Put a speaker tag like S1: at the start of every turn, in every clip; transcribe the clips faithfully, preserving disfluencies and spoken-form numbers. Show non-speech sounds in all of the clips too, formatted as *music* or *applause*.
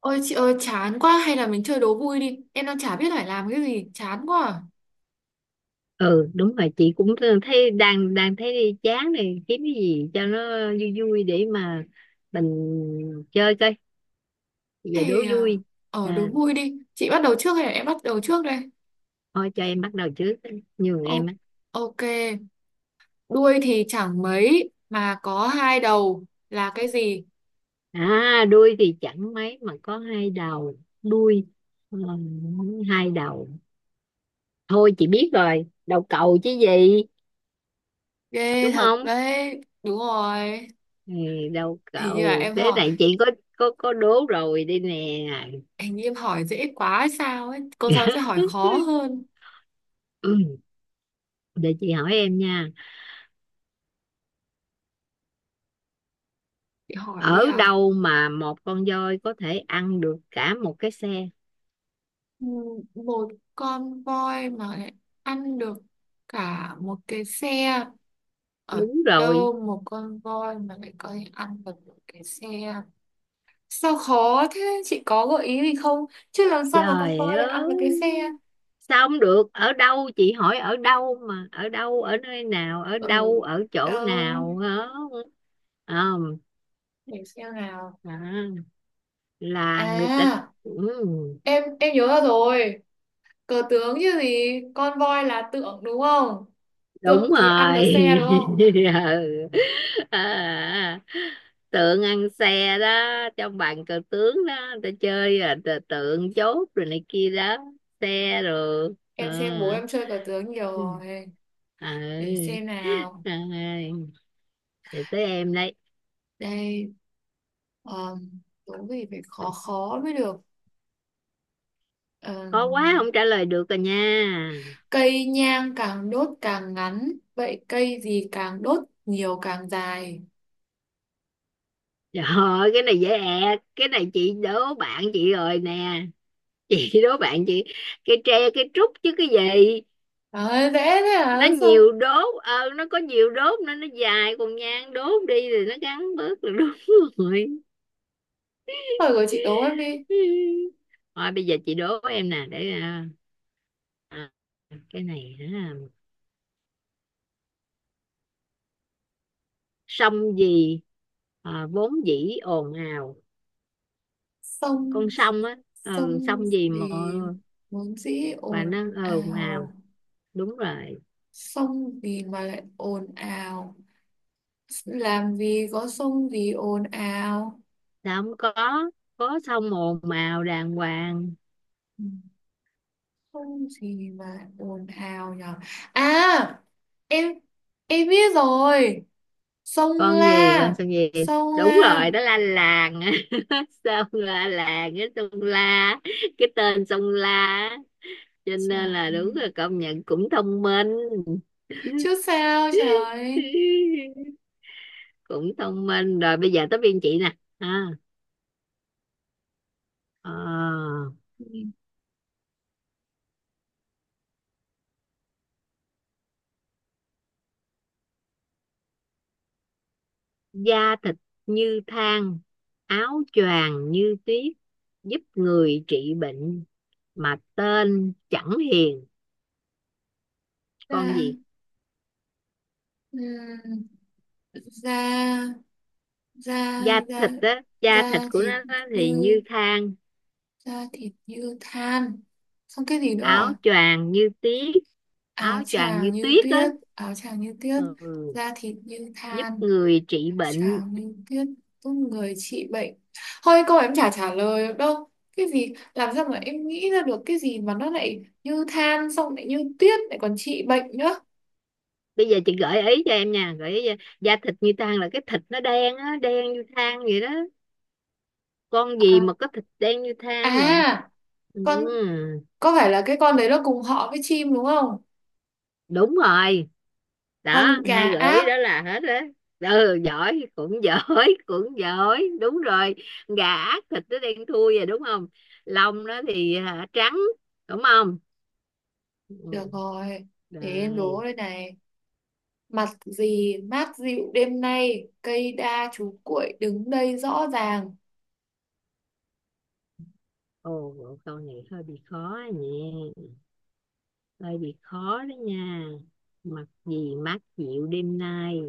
S1: Ôi chị ơi, chán quá, hay là mình chơi đố vui đi. Em đang chả biết phải làm cái gì. Chán quá à.
S2: Ừ, đúng rồi, chị cũng thấy đang đang thấy chán này, kiếm cái gì cho nó vui vui để mà mình chơi coi. Bây giờ đố
S1: Thì à,
S2: vui.
S1: ở đố
S2: à,
S1: vui đi. Chị bắt đầu trước hay là em bắt đầu trước đây?
S2: Thôi cho em bắt đầu trước, nhường em
S1: Ô-
S2: á.
S1: Ok. Đuôi thì chẳng mấy mà có hai đầu là cái gì?
S2: À, đuôi thì chẳng mấy mà có hai đầu. Đuôi, ờ, hai đầu. Thôi chị biết rồi, đầu cầu chứ gì.
S1: Ghê
S2: Đúng
S1: thật
S2: không?
S1: đấy. Đúng rồi.
S2: Ừ, đầu
S1: Hình như là
S2: cầu.
S1: em
S2: Thế
S1: hỏi
S2: này chị có, có có đố rồi đi nè.
S1: Hình như em hỏi dễ quá hay sao ấy, cô giáo sẽ hỏi
S2: *laughs*
S1: khó hơn.
S2: Ừ, để chị hỏi em nha.
S1: Chị hỏi
S2: Ở
S1: đi à.
S2: đâu mà một con voi có thể ăn được cả một cái xe?
S1: Ừ, một con voi mà lại ăn được cả một cái xe ở
S2: Đúng rồi.
S1: đâu? Một con voi mà lại có thể ăn được một cái xe? Sao khó thế, chị có gợi ý gì không? Chứ làm sao mà con
S2: Trời
S1: voi lại ăn
S2: ơi,
S1: được cái xe?
S2: sao không được? Ở đâu, chị hỏi ở đâu mà, ở đâu, ở nơi nào, ở
S1: Ở
S2: đâu, ở chỗ
S1: đâu?
S2: nào hả? Không.
S1: Để xem nào.
S2: À, là người ta,
S1: à
S2: ừ,
S1: em em nhớ ra rồi. Cờ tướng chứ gì. Con voi là tượng đúng không?
S2: đúng
S1: Tượng thì ăn được
S2: rồi.
S1: xe đúng không?
S2: *laughs* Ừ. À, tượng ăn xe đó. Trong bàn cờ tướng đó người ta chơi là t- tượng, chốt rồi này kia đó, xe rồi
S1: Em xem bố
S2: à.
S1: em chơi cờ tướng nhiều
S2: Ừ.
S1: rồi.
S2: À.
S1: Để xem nào.
S2: Ai, giờ tới em đây.
S1: Đây. uh, Đố gì phải khó khó mới được. Ờ,
S2: Khó quá không trả lời được rồi nha.
S1: cây nhang càng đốt càng ngắn, vậy cây gì càng đốt nhiều càng dài?
S2: Trời ơi, cái này dễ ẹc, cái này chị đố bạn chị rồi nè, chị đố bạn chị. Cây tre, cây trúc chứ cái gì.
S1: Đấy, dễ thế à
S2: Nó
S1: sao?
S2: nhiều đốt, ờ, nó có nhiều đốt nên nó dài, còn nhang đốt đi thì nó ngắn bớt, là đúng rồi.
S1: Hỏi của chị đố em đi.
S2: *laughs* Thôi bây giờ chị đố em nè. Để à, à, cái này hả. Sông gì à, vốn dĩ ồn ào. Con
S1: sông
S2: sông á. Ừ,
S1: sông
S2: sông gì mà
S1: gì vốn dĩ
S2: mà
S1: ồn
S2: nó ồn ào.
S1: ào?
S2: Đúng rồi.
S1: Sông gì mà lại ồn ào? Làm gì có sông gì ồn ào.
S2: Sao không có, có sông ồn ào đàng hoàng.
S1: Ừ. Không gì mà ồn ào nhở. À, em em biết rồi. Sông
S2: Con gì, con
S1: La.
S2: sông gì?
S1: Sông
S2: Đúng
S1: La.
S2: rồi, đó là làng. *laughs* Sông là làng, cái sông La, cái tên sông La á. Cho
S1: Trời
S2: nên là đúng,
S1: ơi.
S2: là công nhận cũng thông minh.
S1: Chứ sao trời ơi.
S2: *laughs* Cũng thông minh rồi. Bây giờ tới biên chị nè. à, ờ,
S1: Nhìn
S2: Da thịt như than, áo choàng như tuyết, giúp người trị bệnh mà tên chẳng hiền. Con
S1: ra.
S2: gì?
S1: ừm, Da Da
S2: Da
S1: Da
S2: thịt á, da thịt
S1: Da
S2: của
S1: thịt
S2: nó á
S1: như
S2: thì như than.
S1: Da thịt như than. Xong cái gì nữa
S2: Áo
S1: à?
S2: choàng như tuyết, áo
S1: Áo
S2: choàng như
S1: choàng như
S2: tuyết á.
S1: tuyết. Áo choàng như tuyết.
S2: Ừ.
S1: Da thịt như
S2: Giúp
S1: than.
S2: người trị
S1: Chả
S2: bệnh.
S1: mình biết có người trị bệnh. Thôi câu em chả trả lời được đâu. Cái gì làm sao mà em nghĩ ra được cái gì mà nó lại như than xong lại như tuyết lại còn trị bệnh nữa.
S2: Bây giờ chị gợi ý cho em nha, gợi ý cho. Da thịt như than là cái thịt nó đen á, đen như than vậy đó. Con gì
S1: À,
S2: mà có thịt đen như
S1: à
S2: than nè? Ừ.
S1: con có phải là cái con đấy nó cùng họ với chim đúng không?
S2: Đúng rồi,
S1: Con
S2: đó
S1: gà
S2: hai gợi ý
S1: ác.
S2: đó là hết. Đó, ừ, giỏi, cũng giỏi. *laughs* Cũng giỏi, đúng rồi. Gà ác thịt nó đen thui rồi, đúng không? Lông nó thì hả, trắng. Đúng không?
S1: Được
S2: Ừ.
S1: rồi. Để em đố
S2: Rồi.
S1: đây này. Mặt gì mát dịu đêm nay, cây đa chú cuội đứng đây rõ ràng.
S2: Ồ, câu này hơi bị khó nhỉ, hơi bị khó đó nha. Mặc gì mát dịu đêm nay,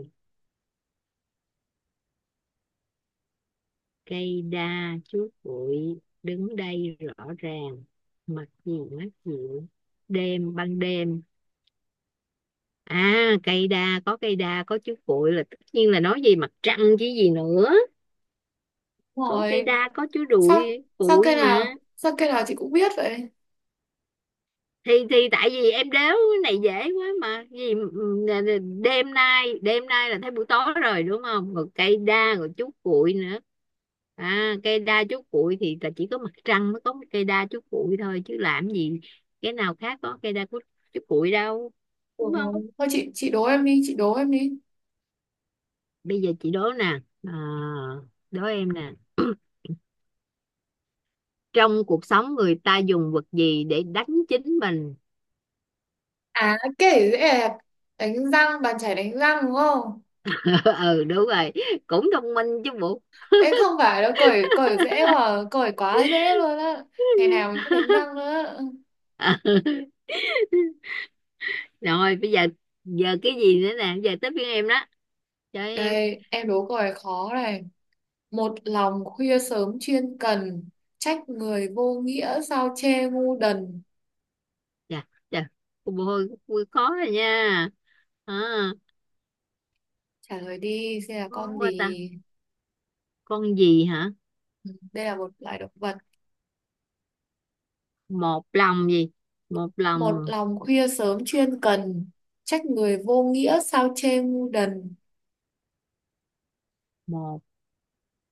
S2: cây đa chuốt bụi đứng đây rõ ràng. Mặc gì mát dịu, đêm ban đêm. À, cây đa, có cây đa, có chuốt bụi là tất nhiên là nói về mặt trăng chứ gì nữa.
S1: Đúng
S2: Có cây
S1: rồi.
S2: đa, có chuốt
S1: Sao
S2: bụi,
S1: sao
S2: bụi
S1: cây nào
S2: mà.
S1: sao cây nào chị cũng biết vậy?
S2: thì thì tại vì em đéo, cái này dễ quá mà gì. Đêm nay, đêm nay là thấy buổi tối rồi đúng không, rồi cây đa rồi chú cuội nữa. À, cây đa chú cuội thì là chỉ có mặt trăng mới có cái cây đa chú cuội thôi, chứ làm gì cái nào khác có cây đa chú, chú cuội đâu. Đúng
S1: Ủa,
S2: không?
S1: Thôi chị chị đố em đi, chị đố em đi.
S2: Bây giờ chị đố nè. À, đố em nè. *clears throat* Trong cuộc sống người ta dùng vật gì để đánh chính mình?
S1: À kể dễ đẹp, đánh răng bàn chải đánh răng đúng không?
S2: *laughs* Ừ, đúng rồi, cũng thông minh chứ bộ.
S1: Ấy không phải đâu, cởi cởi dễ mà, cởi quá dễ luôn á. Ngày nào mình cũng đánh răng nữa.
S2: *laughs* Rồi, bây giờ giờ cái gì nữa nè, giờ tới phiên em đó. Cho em.
S1: Đây, em đố câu này khó này. Một lòng khuya sớm chuyên cần, trách người vô nghĩa sao chê ngu đần.
S2: Dạ, dạ. Cô bồ hôi vui khó rồi nha. À,
S1: Trả lời đi, xem là
S2: khó
S1: con
S2: quá ta.
S1: gì?
S2: Con gì hả?
S1: Ừ, đây là một loài động vật.
S2: Một lòng gì? Một
S1: Một
S2: lòng,
S1: lòng khuya sớm chuyên cần, trách người vô nghĩa sao chê ngu đần.
S2: một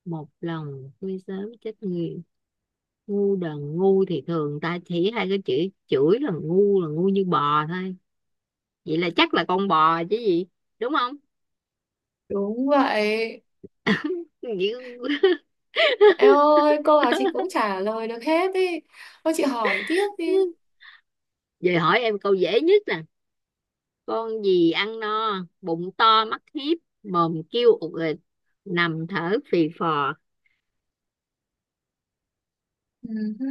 S2: một lòng vui sớm chết người. Ngu đần, ngu thì thường ta chỉ hai cái chữ, chửi là ngu là ngu như bò thôi. Vậy là chắc là con bò chứ gì, đúng không?
S1: Đúng vậy.
S2: Vậy-
S1: Em ơi, câu nào chị cũng
S2: *laughs*
S1: trả lời được hết đi. Thôi chị hỏi tiếp đi.
S2: Vậy hỏi em câu dễ nhất nè. Con gì ăn no bụng to mắt hiếp, mồm kêu ụt ịt, nằm thở phì phò?
S1: Ừ hứ,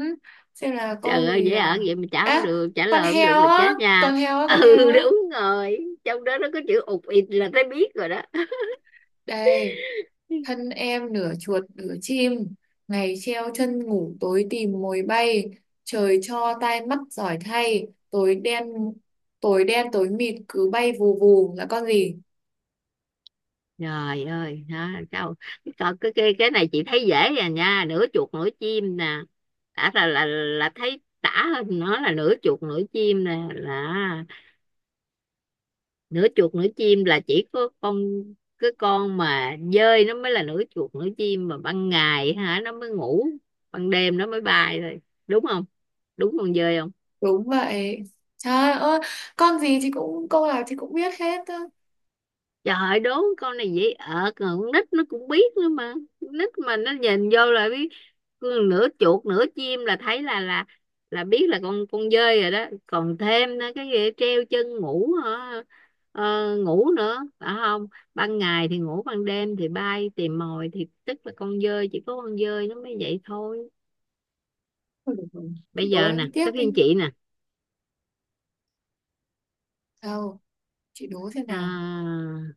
S1: xem là
S2: Trời
S1: con
S2: ơi,
S1: gì
S2: dễ
S1: à?
S2: ở vậy mà trả không
S1: À,
S2: được, trả
S1: con
S2: lời không được
S1: heo
S2: là
S1: á,
S2: chết nha.
S1: con heo á,
S2: *laughs*
S1: con heo
S2: Ừ,
S1: á.
S2: đúng rồi. Trong đó nó có chữ ụt ịt là thấy biết rồi đó. *laughs*
S1: Đây, thân em nửa chuột nửa chim, ngày treo chân ngủ tối tìm mồi bay, trời cho tai mắt giỏi thay, tối đen tối đen tối mịt cứ bay vù vù là con gì?
S2: Trời ơi đó, câu coi cái, cái cái này chị thấy dễ rồi nha. Nửa chuột nửa chim nè, đã là là là thấy tả hơn nó là nửa chuột nửa chim nè, là nửa chuột nửa chim là chỉ có con, cái con mà dơi nó mới là nửa chuột nửa chim, mà ban ngày hả nó mới ngủ, ban đêm nó mới bay thôi. Đúng không? Đúng con dơi không?
S1: Đúng vậy. Trời ơi, con gì chị cũng câu nào chị cũng biết hết á.
S2: Trời ơi, đố. Con này dễ ợt rồi, con nít nó cũng biết nữa mà, con nít mà nó nhìn vô là biết nửa chuột nửa chim là thấy là là là biết là con con dơi rồi đó. Còn thêm nữa, cái gì treo chân ngủ hả? Ờ, ngủ nữa phải không? Ban ngày thì ngủ, ban đêm thì bay tìm mồi, thì tức là con dơi, chỉ có con dơi nó mới vậy thôi.
S1: Thôi được rồi, chị
S2: Bây
S1: đố
S2: giờ nè
S1: em tiếp
S2: tới phiên
S1: đi.
S2: chị nè.
S1: Đâu, chị đố thế nào?
S2: à,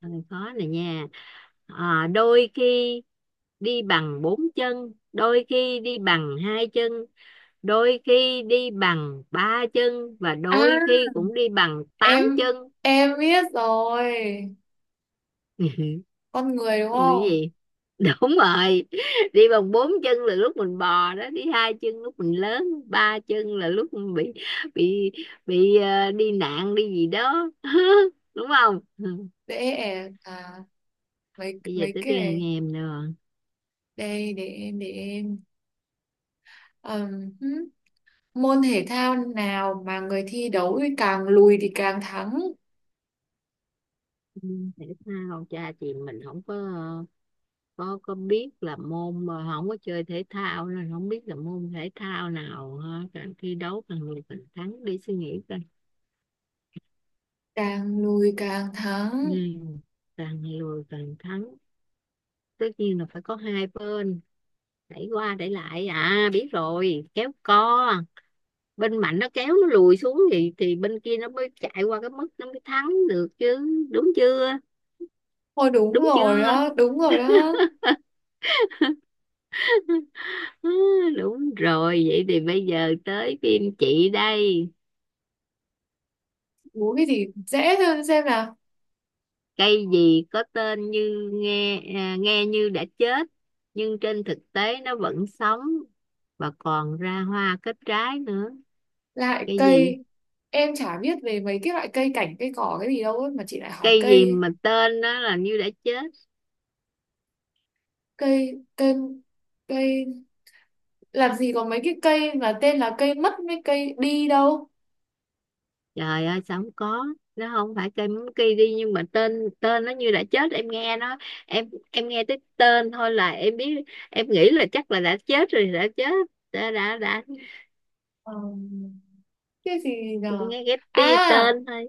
S2: Ừ, khó này nha. À, đôi khi đi bằng bốn chân, đôi khi đi bằng hai chân, đôi khi đi bằng ba chân, và
S1: À,
S2: đôi khi cũng đi bằng tám
S1: em
S2: chân.
S1: em biết rồi. Con người đúng
S2: Cái
S1: không?
S2: gì? Đúng rồi. *laughs* Đi bằng bốn chân là lúc mình bò đó, đi hai chân lúc mình lớn, ba chân là lúc mình bị bị bị ờ, đi nạn đi gì đó. *laughs* Đúng không? Ừ.
S1: Dễ ẻ à mấy
S2: Bây giờ
S1: mấy
S2: tới
S1: cái
S2: phiên anh
S1: này.
S2: em nữa.
S1: Đây, để em để em. Ừm, hứ. Môn thể thao nào mà người thi đấu thì càng lùi thì càng thắng,
S2: Ừ, thể thao cha chị mình không có, có có biết là môn, mà không có chơi thể thao nên không biết là môn thể thao nào ha. Càng thi đấu càng lùi càng thắng, đi suy nghĩ coi.
S1: càng lùi càng
S2: Ừ.
S1: thắng.
S2: Càng lùi càng thắng, tất nhiên là phải có hai bên đẩy qua đẩy lại. À, biết rồi, kéo co. Bên mạnh nó kéo nó lùi xuống thì thì bên kia nó mới chạy qua cái mức nó mới thắng được chứ. Đúng chưa?
S1: Thôi đúng
S2: Đúng chưa?
S1: rồi đó, đúng rồi đó.
S2: *laughs* Đúng rồi. Vậy thì bây giờ tới phim chị đây.
S1: Đố cái gì dễ thôi xem nào.
S2: Cây gì có tên như nghe à, nghe như đã chết nhưng trên thực tế nó vẫn sống và còn ra hoa kết trái nữa.
S1: Lại
S2: Cây gì?
S1: cây em chả biết về mấy cái loại cây cảnh cây cỏ cái gì đâu ấy, mà chị lại hỏi
S2: Cây gì
S1: cây
S2: mà tên nó là như đã chết?
S1: cây cây cây làm gì có mấy cái cây mà tên là cây mất với cây đi đâu.
S2: Trời ơi sao không có? Nó không phải cây mắm cây đi, nhưng mà tên tên nó như đã chết, em nghe nó, em em nghe tới tên thôi là em biết, em nghĩ là chắc là đã chết rồi, đã chết, đã đã đã
S1: Ờ, cái gì nhờ.
S2: nghe ghép
S1: à
S2: tia tên thôi.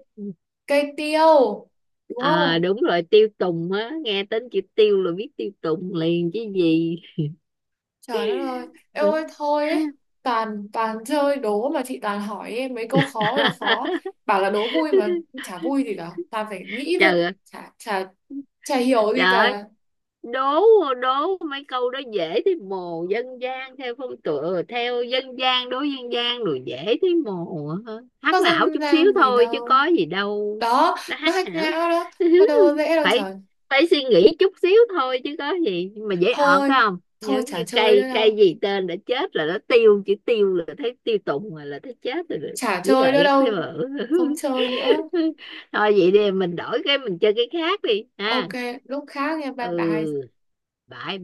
S1: cây tiêu đúng
S2: À
S1: không?
S2: đúng rồi, tiêu tùng á, nghe tên chữ tiêu là biết tiêu tùng liền chứ gì.
S1: Trời đất ơi, em ơi thôi ấy. Toàn toàn chơi đố mà chị toàn hỏi em mấy câu khó ơi là khó.
S2: *laughs*
S1: Bảo là đố vui
S2: Ừ.
S1: mà chả vui gì cả, toàn phải nghĩ thôi.
S2: Trời ơi.
S1: Chả chả chả hiểu
S2: Trời
S1: gì
S2: ơi,
S1: cả.
S2: đố đố mấy câu đó dễ thấy mồ, dân gian theo phong tựa, theo dân gian, đối dân gian rồi dễ thấy mồ hả? Hack
S1: Có
S2: não
S1: dân
S2: chút xíu
S1: gian gì
S2: thôi chứ
S1: đâu.
S2: có gì đâu,
S1: Đó,
S2: nó
S1: nó
S2: hack
S1: hack
S2: não.
S1: não đó.
S2: *laughs*
S1: Nó đâu có dễ đâu
S2: phải
S1: trời.
S2: Phải suy nghĩ chút xíu thôi chứ có gì. Nhưng mà dễ ọt phải
S1: thôi
S2: không,
S1: thôi
S2: giống như
S1: chả chơi
S2: cây
S1: nữa
S2: cây
S1: đâu.
S2: gì tên đã chết là nó tiêu, chữ tiêu là thấy tiêu tùng rồi, là thấy chết rồi.
S1: Chả
S2: Dễ
S1: chơi nữa
S2: ẹt thế
S1: đâu.
S2: mà.
S1: Không chơi nữa.
S2: *laughs* *laughs* Thôi vậy đi, mình đổi cái mình chơi cái khác đi
S1: Ok,
S2: ha.
S1: lúc khác nha, bye
S2: Ừ,
S1: bye.
S2: bye bye.